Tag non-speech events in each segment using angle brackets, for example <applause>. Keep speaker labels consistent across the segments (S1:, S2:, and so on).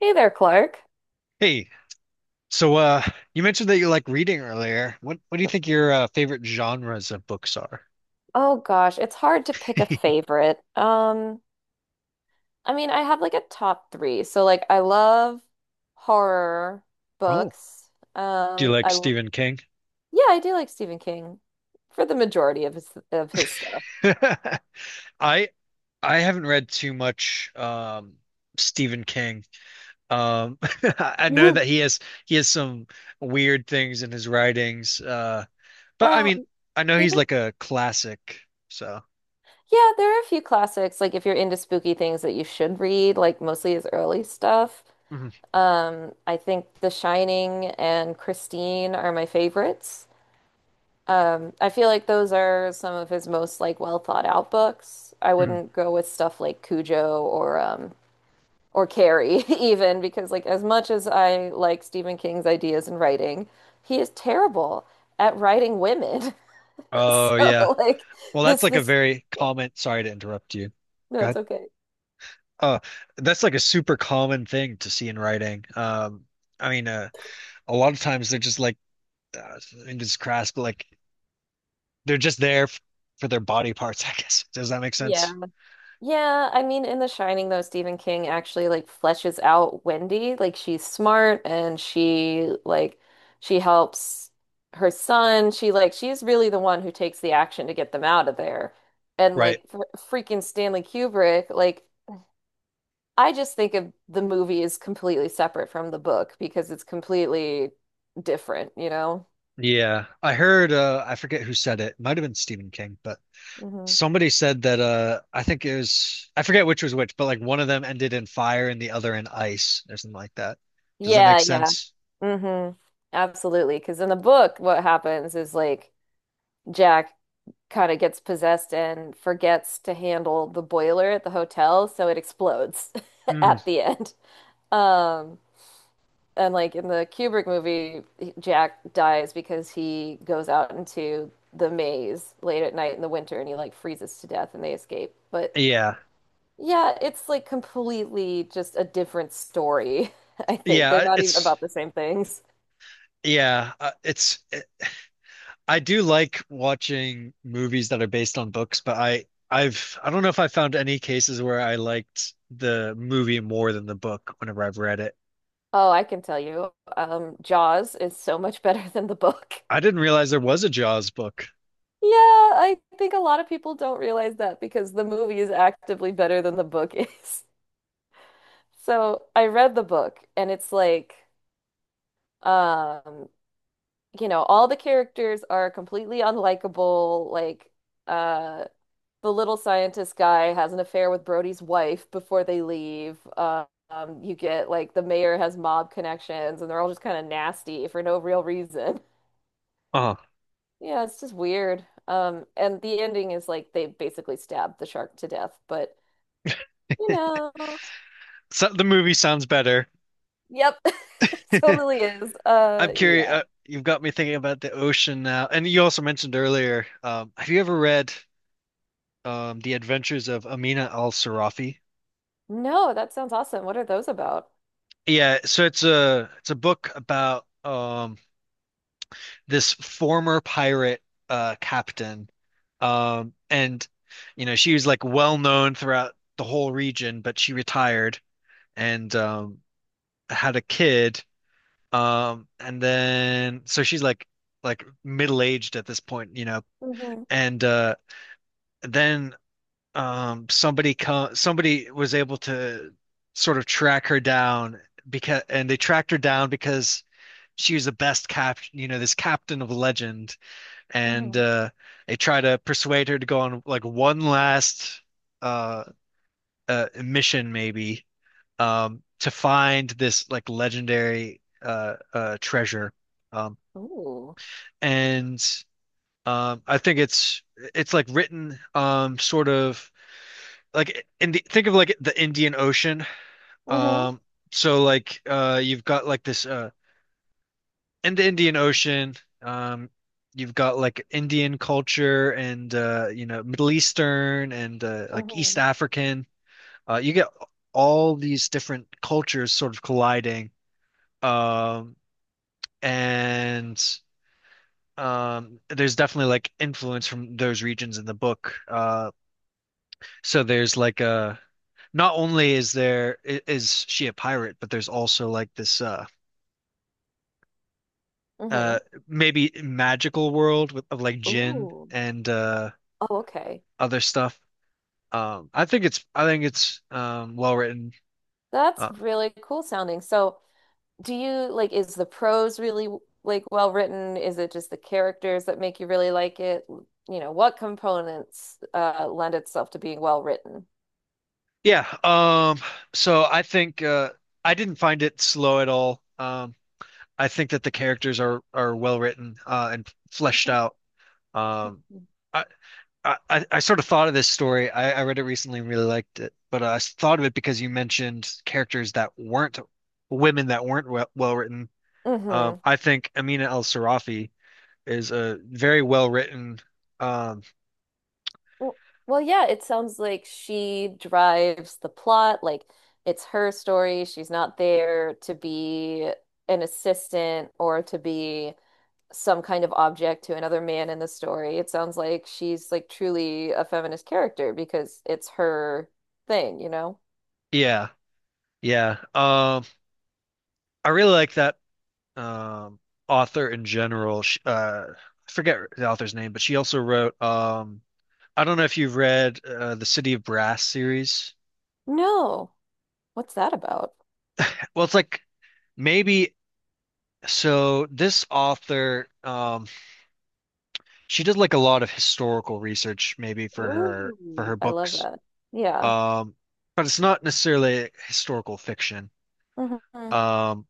S1: Hey there, Clark.
S2: Hey, so you mentioned that you like reading earlier. What do you think your favorite genres of books are?
S1: Oh gosh, it's hard to pick a
S2: <laughs>
S1: favorite. I mean, I have like a top three. So like I love horror
S2: Oh,
S1: books.
S2: do you
S1: Um,
S2: like
S1: I l-
S2: Stephen King?
S1: yeah, I do like Stephen King for the majority of his stuff.
S2: <laughs> I I haven't read too much Stephen King. Um <laughs> I know that
S1: <laughs>
S2: he has some weird things in his writings. But I
S1: Well,
S2: mean, I know
S1: he
S2: he's
S1: did,
S2: like a classic, so.
S1: yeah, there are a few classics, like if you're into spooky things that you should read, like mostly his early stuff.
S2: Mhm.
S1: I think The Shining and Christine are my favorites. I feel like those are some of his most like well thought out books. I
S2: Mm.
S1: wouldn't go with stuff like Cujo or Carrie <laughs> even because like as much as I like Stephen King's ideas and writing, he is terrible at writing women. <laughs>
S2: Oh
S1: So
S2: yeah.
S1: like
S2: Well, that's
S1: this
S2: like a
S1: this
S2: very common, sorry to interrupt you.
S1: no,
S2: Go
S1: it's
S2: ahead.
S1: okay.
S2: Uh, that's like a super common thing to see in writing. I mean, a lot of times they're just like, uh, and it's crass, but like they're just there f for their body parts, <laughs> I guess. Does that make
S1: Yeah.
S2: sense?
S1: Yeah, I mean, in The Shining, though, Stephen King actually like fleshes out Wendy. Like she's smart and she like she helps her son. She like she's really the one who takes the action to get them out of there. And
S2: Right.
S1: like for freaking Stanley Kubrick, like I just think of the movie is completely separate from the book because it's completely different, you know?
S2: Yeah. I heard, I forget who said it. It might have been Stephen King, but
S1: Hmm.
S2: somebody said that, I think it was, I forget which was which, but like one of them ended in fire and the other in ice or something like that. Does that make
S1: Yeah, yeah.
S2: sense?
S1: Hmm. Absolutely. Because in the book, what happens is like Jack kind of gets possessed and forgets to handle the boiler at the hotel, so it explodes <laughs>
S2: Mm.
S1: at the end. Um, and like in the Kubrick movie, Jack dies because he goes out into the maze late at night in the winter and he like freezes to death and they escape. But
S2: Yeah.
S1: yeah, it's like completely just a different story, <laughs> I think. They're
S2: Yeah.
S1: not even
S2: It's,
S1: about the same things.
S2: yeah. I do like watching movies that are based on books, but I don't know if I found any cases where I liked the movie more than the book whenever I've read it.
S1: Oh, I can tell you. Jaws is so much better than the book.
S2: I didn't realize there was a Jaws book.
S1: Yeah, I think a lot of people don't realize that because the movie is actively better than the book is. <laughs> So I read the book and it's like, um, all the characters are completely unlikable. Uh, the little scientist guy has an affair with Brody's wife before they leave. You get like the mayor has mob connections and they're all just kind of nasty for no real reason. <laughs>
S2: Oh,
S1: Yeah, it's just weird. And the ending is like they basically stabbed the shark to death, but you know.
S2: so the movie sounds better.
S1: Yep. <laughs>
S2: <laughs>
S1: Totally is.
S2: I'm curious.
S1: Yeah.
S2: You've got me thinking about the ocean now, and you also mentioned earlier. Have you ever read The Adventures of Amina al-Sarafi?
S1: No, that sounds awesome. What are those about?
S2: Yeah, so it's a book about this former pirate captain, and you know she was like well known throughout the whole region, but she retired and had a kid, and then so she's like middle aged at this point,
S1: Mm-hmm.
S2: and then somebody was able to sort of track her down, because and they tracked her down because she was the best cap, you know, this captain of legend, and
S1: Mm-hmm.
S2: they try to persuade her to go on like one last uh, mission, maybe, to find this like legendary treasure. Um,
S1: Ooh.
S2: and I think it's like written sort of like in the think of like the Indian Ocean.
S1: Mm-hmm.
S2: Um, so like you've got like this in the Indian Ocean, um, you've got like Indian culture and Middle Eastern and like East
S1: Mm-hmm.
S2: African. You get all these different cultures sort of colliding. Um, and there's definitely like influence from those regions in the book. So there's like a, not only is there is she a pirate, but there's also like this uh
S1: Mm-hmm.
S2: maybe magical world with of like jinn
S1: Ooh.
S2: and
S1: Oh, okay.
S2: other stuff. I think it's well written.
S1: That's
S2: Uh,
S1: really cool sounding. So, do you like is the prose really like well written? Is it just the characters that make you really like it? What components lend itself to being well written?
S2: yeah. So I think I didn't find it slow at all. I think that the characters are well written and fleshed
S1: Mm-hmm.
S2: out. Um, I, I sort of thought of this story. I read it recently and really liked it, but I thought of it because you mentioned characters that weren't women, that weren't well written.
S1: Mm-hmm.
S2: I think Amina El Sarafi is a very well written. Um,
S1: Well, well, yeah, it sounds like she drives the plot. Like it's her story. She's not there to be an assistant or to be some kind of object to another man in the story. It sounds like she's like truly a feminist character because it's her thing, you know?
S2: yeah, yeah. I really like that um author in general. Sh I forget the author's name, but she also wrote I don't know if you've read the City of Brass series.
S1: No. What's that about?
S2: Well, it's like maybe so this author she did like a lot of historical research maybe for her
S1: Ooh, I love
S2: books.
S1: that. Yeah.
S2: Um, but it's not necessarily historical fiction.
S1: Mhm.
S2: Um,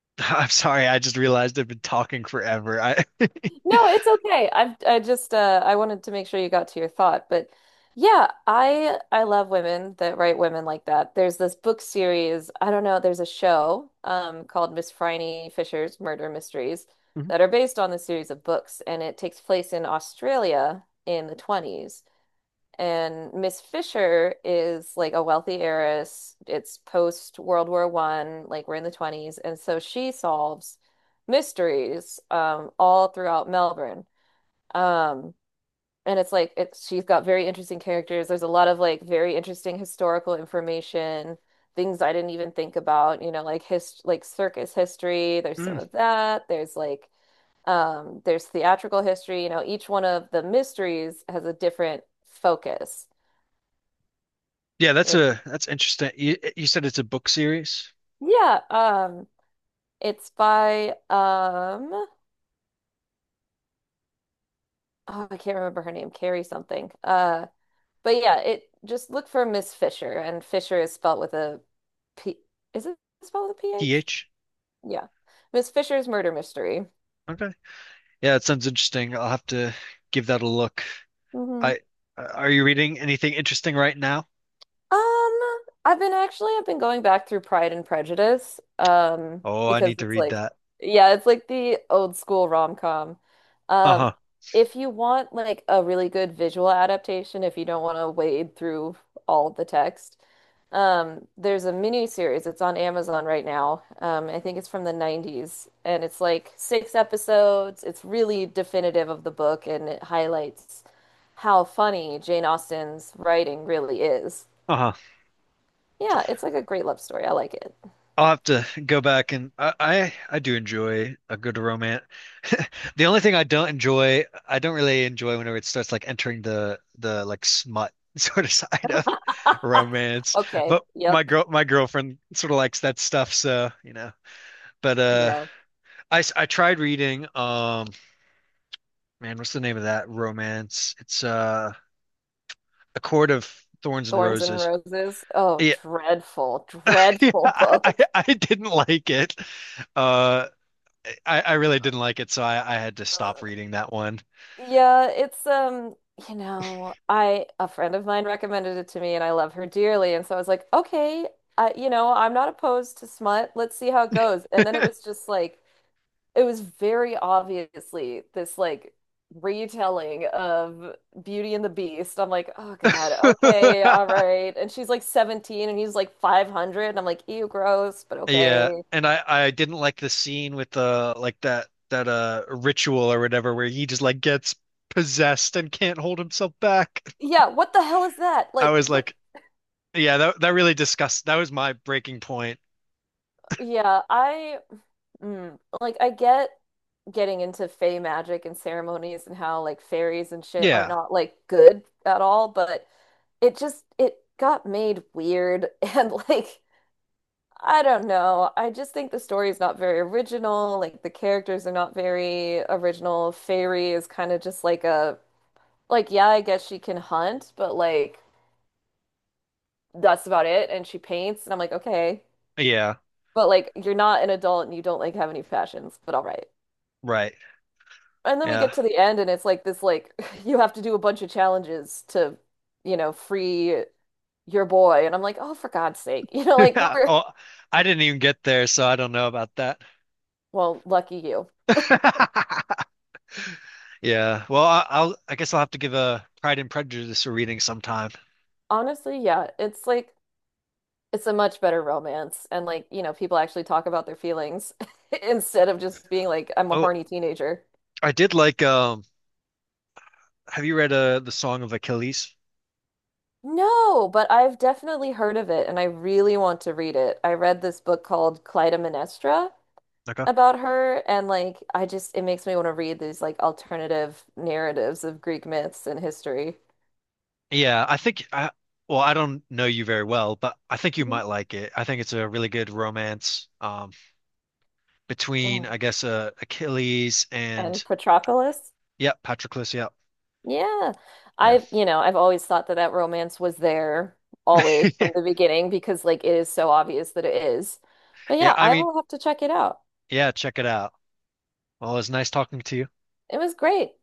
S2: <laughs> I'm sorry, I just realized I've been talking forever. I
S1: No, it's okay. I just I wanted to make sure you got to your thought, but yeah, I love women that write women like that. There's this book series, I don't know, there's a show called Miss Phryne Fisher's Murder Mysteries that are based on the series of books and it takes place in Australia in the 20s. And Miss Fisher is like a wealthy heiress. It's post World War One, like we're in the 20s. And so she solves mysteries all throughout Melbourne. Um, and it's like it, she's got very interesting characters. There's a lot of like very interesting historical information, things I didn't even think about, you know, like his like circus history. There's some of
S2: <laughs>
S1: that. There's like there's theatrical history. You know, each one of the mysteries has a different focus
S2: Yeah, that's
S1: which
S2: a that's interesting. You said it's a book series?
S1: yeah, it's by oh, I can't remember her name, Carrie something. But yeah, it just look for Miss Fisher, and Fisher is spelled with a P. Is it spelled with a PH?
S2: TH?
S1: Yeah, Miss Fisher's murder mystery.
S2: Okay. Yeah, that sounds interesting. I'll have to give that a look. I Are you reading anything interesting right now?
S1: I've been going back through Pride and Prejudice,
S2: Oh, I
S1: because
S2: need to
S1: it's
S2: read
S1: like
S2: that.
S1: yeah, it's like the old school rom-com. Um,
S2: Uh-huh.
S1: if you want like a really good visual adaptation, if you don't want to wade through all the text, there's a mini series. It's on Amazon right now. I think it's from the 90s and it's like six episodes. It's really definitive of the book and it highlights how funny Jane Austen's writing really is.
S2: Uh-huh.
S1: Yeah, it's like a great love story. I like it. <laughs>
S2: I'll have to go back, and I do enjoy a good romance. The only thing I don't enjoy, I don't really enjoy whenever it starts like entering the like smut <laughs> sort of side of romance.
S1: Okay.
S2: But
S1: Yep.
S2: my girlfriend sort of likes that stuff, so. But
S1: Yeah.
S2: I tried reading man, what's the name of that romance, it's A Court of Thorns and
S1: Thorns and
S2: Roses.
S1: Roses. Oh,
S2: Yeah,
S1: dreadful,
S2: <laughs> yeah,
S1: dreadful <laughs>
S2: I, I
S1: book.
S2: I didn't like it. uh I really didn't like it, so I had to stop
S1: Ugh.
S2: reading that one.
S1: Yeah, it's you know, I a friend of mine recommended it to me and I love her dearly. And so I was like, okay, I, you know, I'm not opposed to smut. Let's see how it goes. And then it was just like it was very obviously this like retelling of Beauty and the Beast. I'm like, oh God, okay, all
S2: <laughs>
S1: right. And she's like 17 and he's like 500. And I'm like, ew, gross, but
S2: Yeah,
S1: okay.
S2: and I didn't like the scene with the like that ritual or whatever, where he just like gets possessed and can't hold himself back.
S1: Yeah, what the hell is that?
S2: <laughs> I
S1: Like,
S2: was
S1: what?
S2: like, yeah, that really disgust, that was my breaking point.
S1: Yeah, I, like, I get getting into fey magic and ceremonies and how like fairies and shit are
S2: Yeah,
S1: not like good at all, but it just, it got made weird <laughs> and like, I don't know. I just think the story is not very original. Like the characters are not very original. Fairy is kind of just like a like yeah, I guess she can hunt, but like that's about it. And she paints, and I'm like, okay,
S2: yeah,
S1: but like you're not an adult and you don't like have any passions, but all right.
S2: right.
S1: And then we
S2: Yeah.
S1: get to the end, and it's like this like <laughs> you have to do a bunch of challenges to, you know, free your boy. And I'm like, oh, for God's sake, <laughs> you know, like
S2: <laughs>
S1: we're
S2: Oh, I didn't even get there, so I don't know about that.
S1: well, lucky you.
S2: <laughs> Yeah. Well, I guess I'll have to give a Pride and Prejudice a reading sometime.
S1: Honestly, yeah, it's like. It's a much better romance. And like, you know, people actually talk about their feelings <laughs> instead of just being like, I'm a
S2: Oh,
S1: horny teenager.
S2: I did like have you read The Song of Achilles?
S1: No, but I've definitely heard of it and I really want to read it. I read this book called Clytemnestra
S2: Okay.
S1: about her and like I just it makes me want to read these like alternative narratives of Greek myths and history.
S2: Yeah, I think I well, I don't know you very well, but I think you
S1: Mhm.
S2: might like it. I think it's a really good romance between
S1: Mm.
S2: I guess Achilles and
S1: And Patroclus.
S2: yeah, Patroclus, yeah.
S1: Yeah.
S2: Yeah.
S1: I've, you know, I've always thought that that romance was there always from the
S2: <laughs>
S1: beginning because like it is so obvious that it is. But
S2: Yeah,
S1: yeah,
S2: I
S1: I
S2: mean,
S1: will have to check it out.
S2: yeah, check it out. Well, it's nice talking to you.
S1: It was great.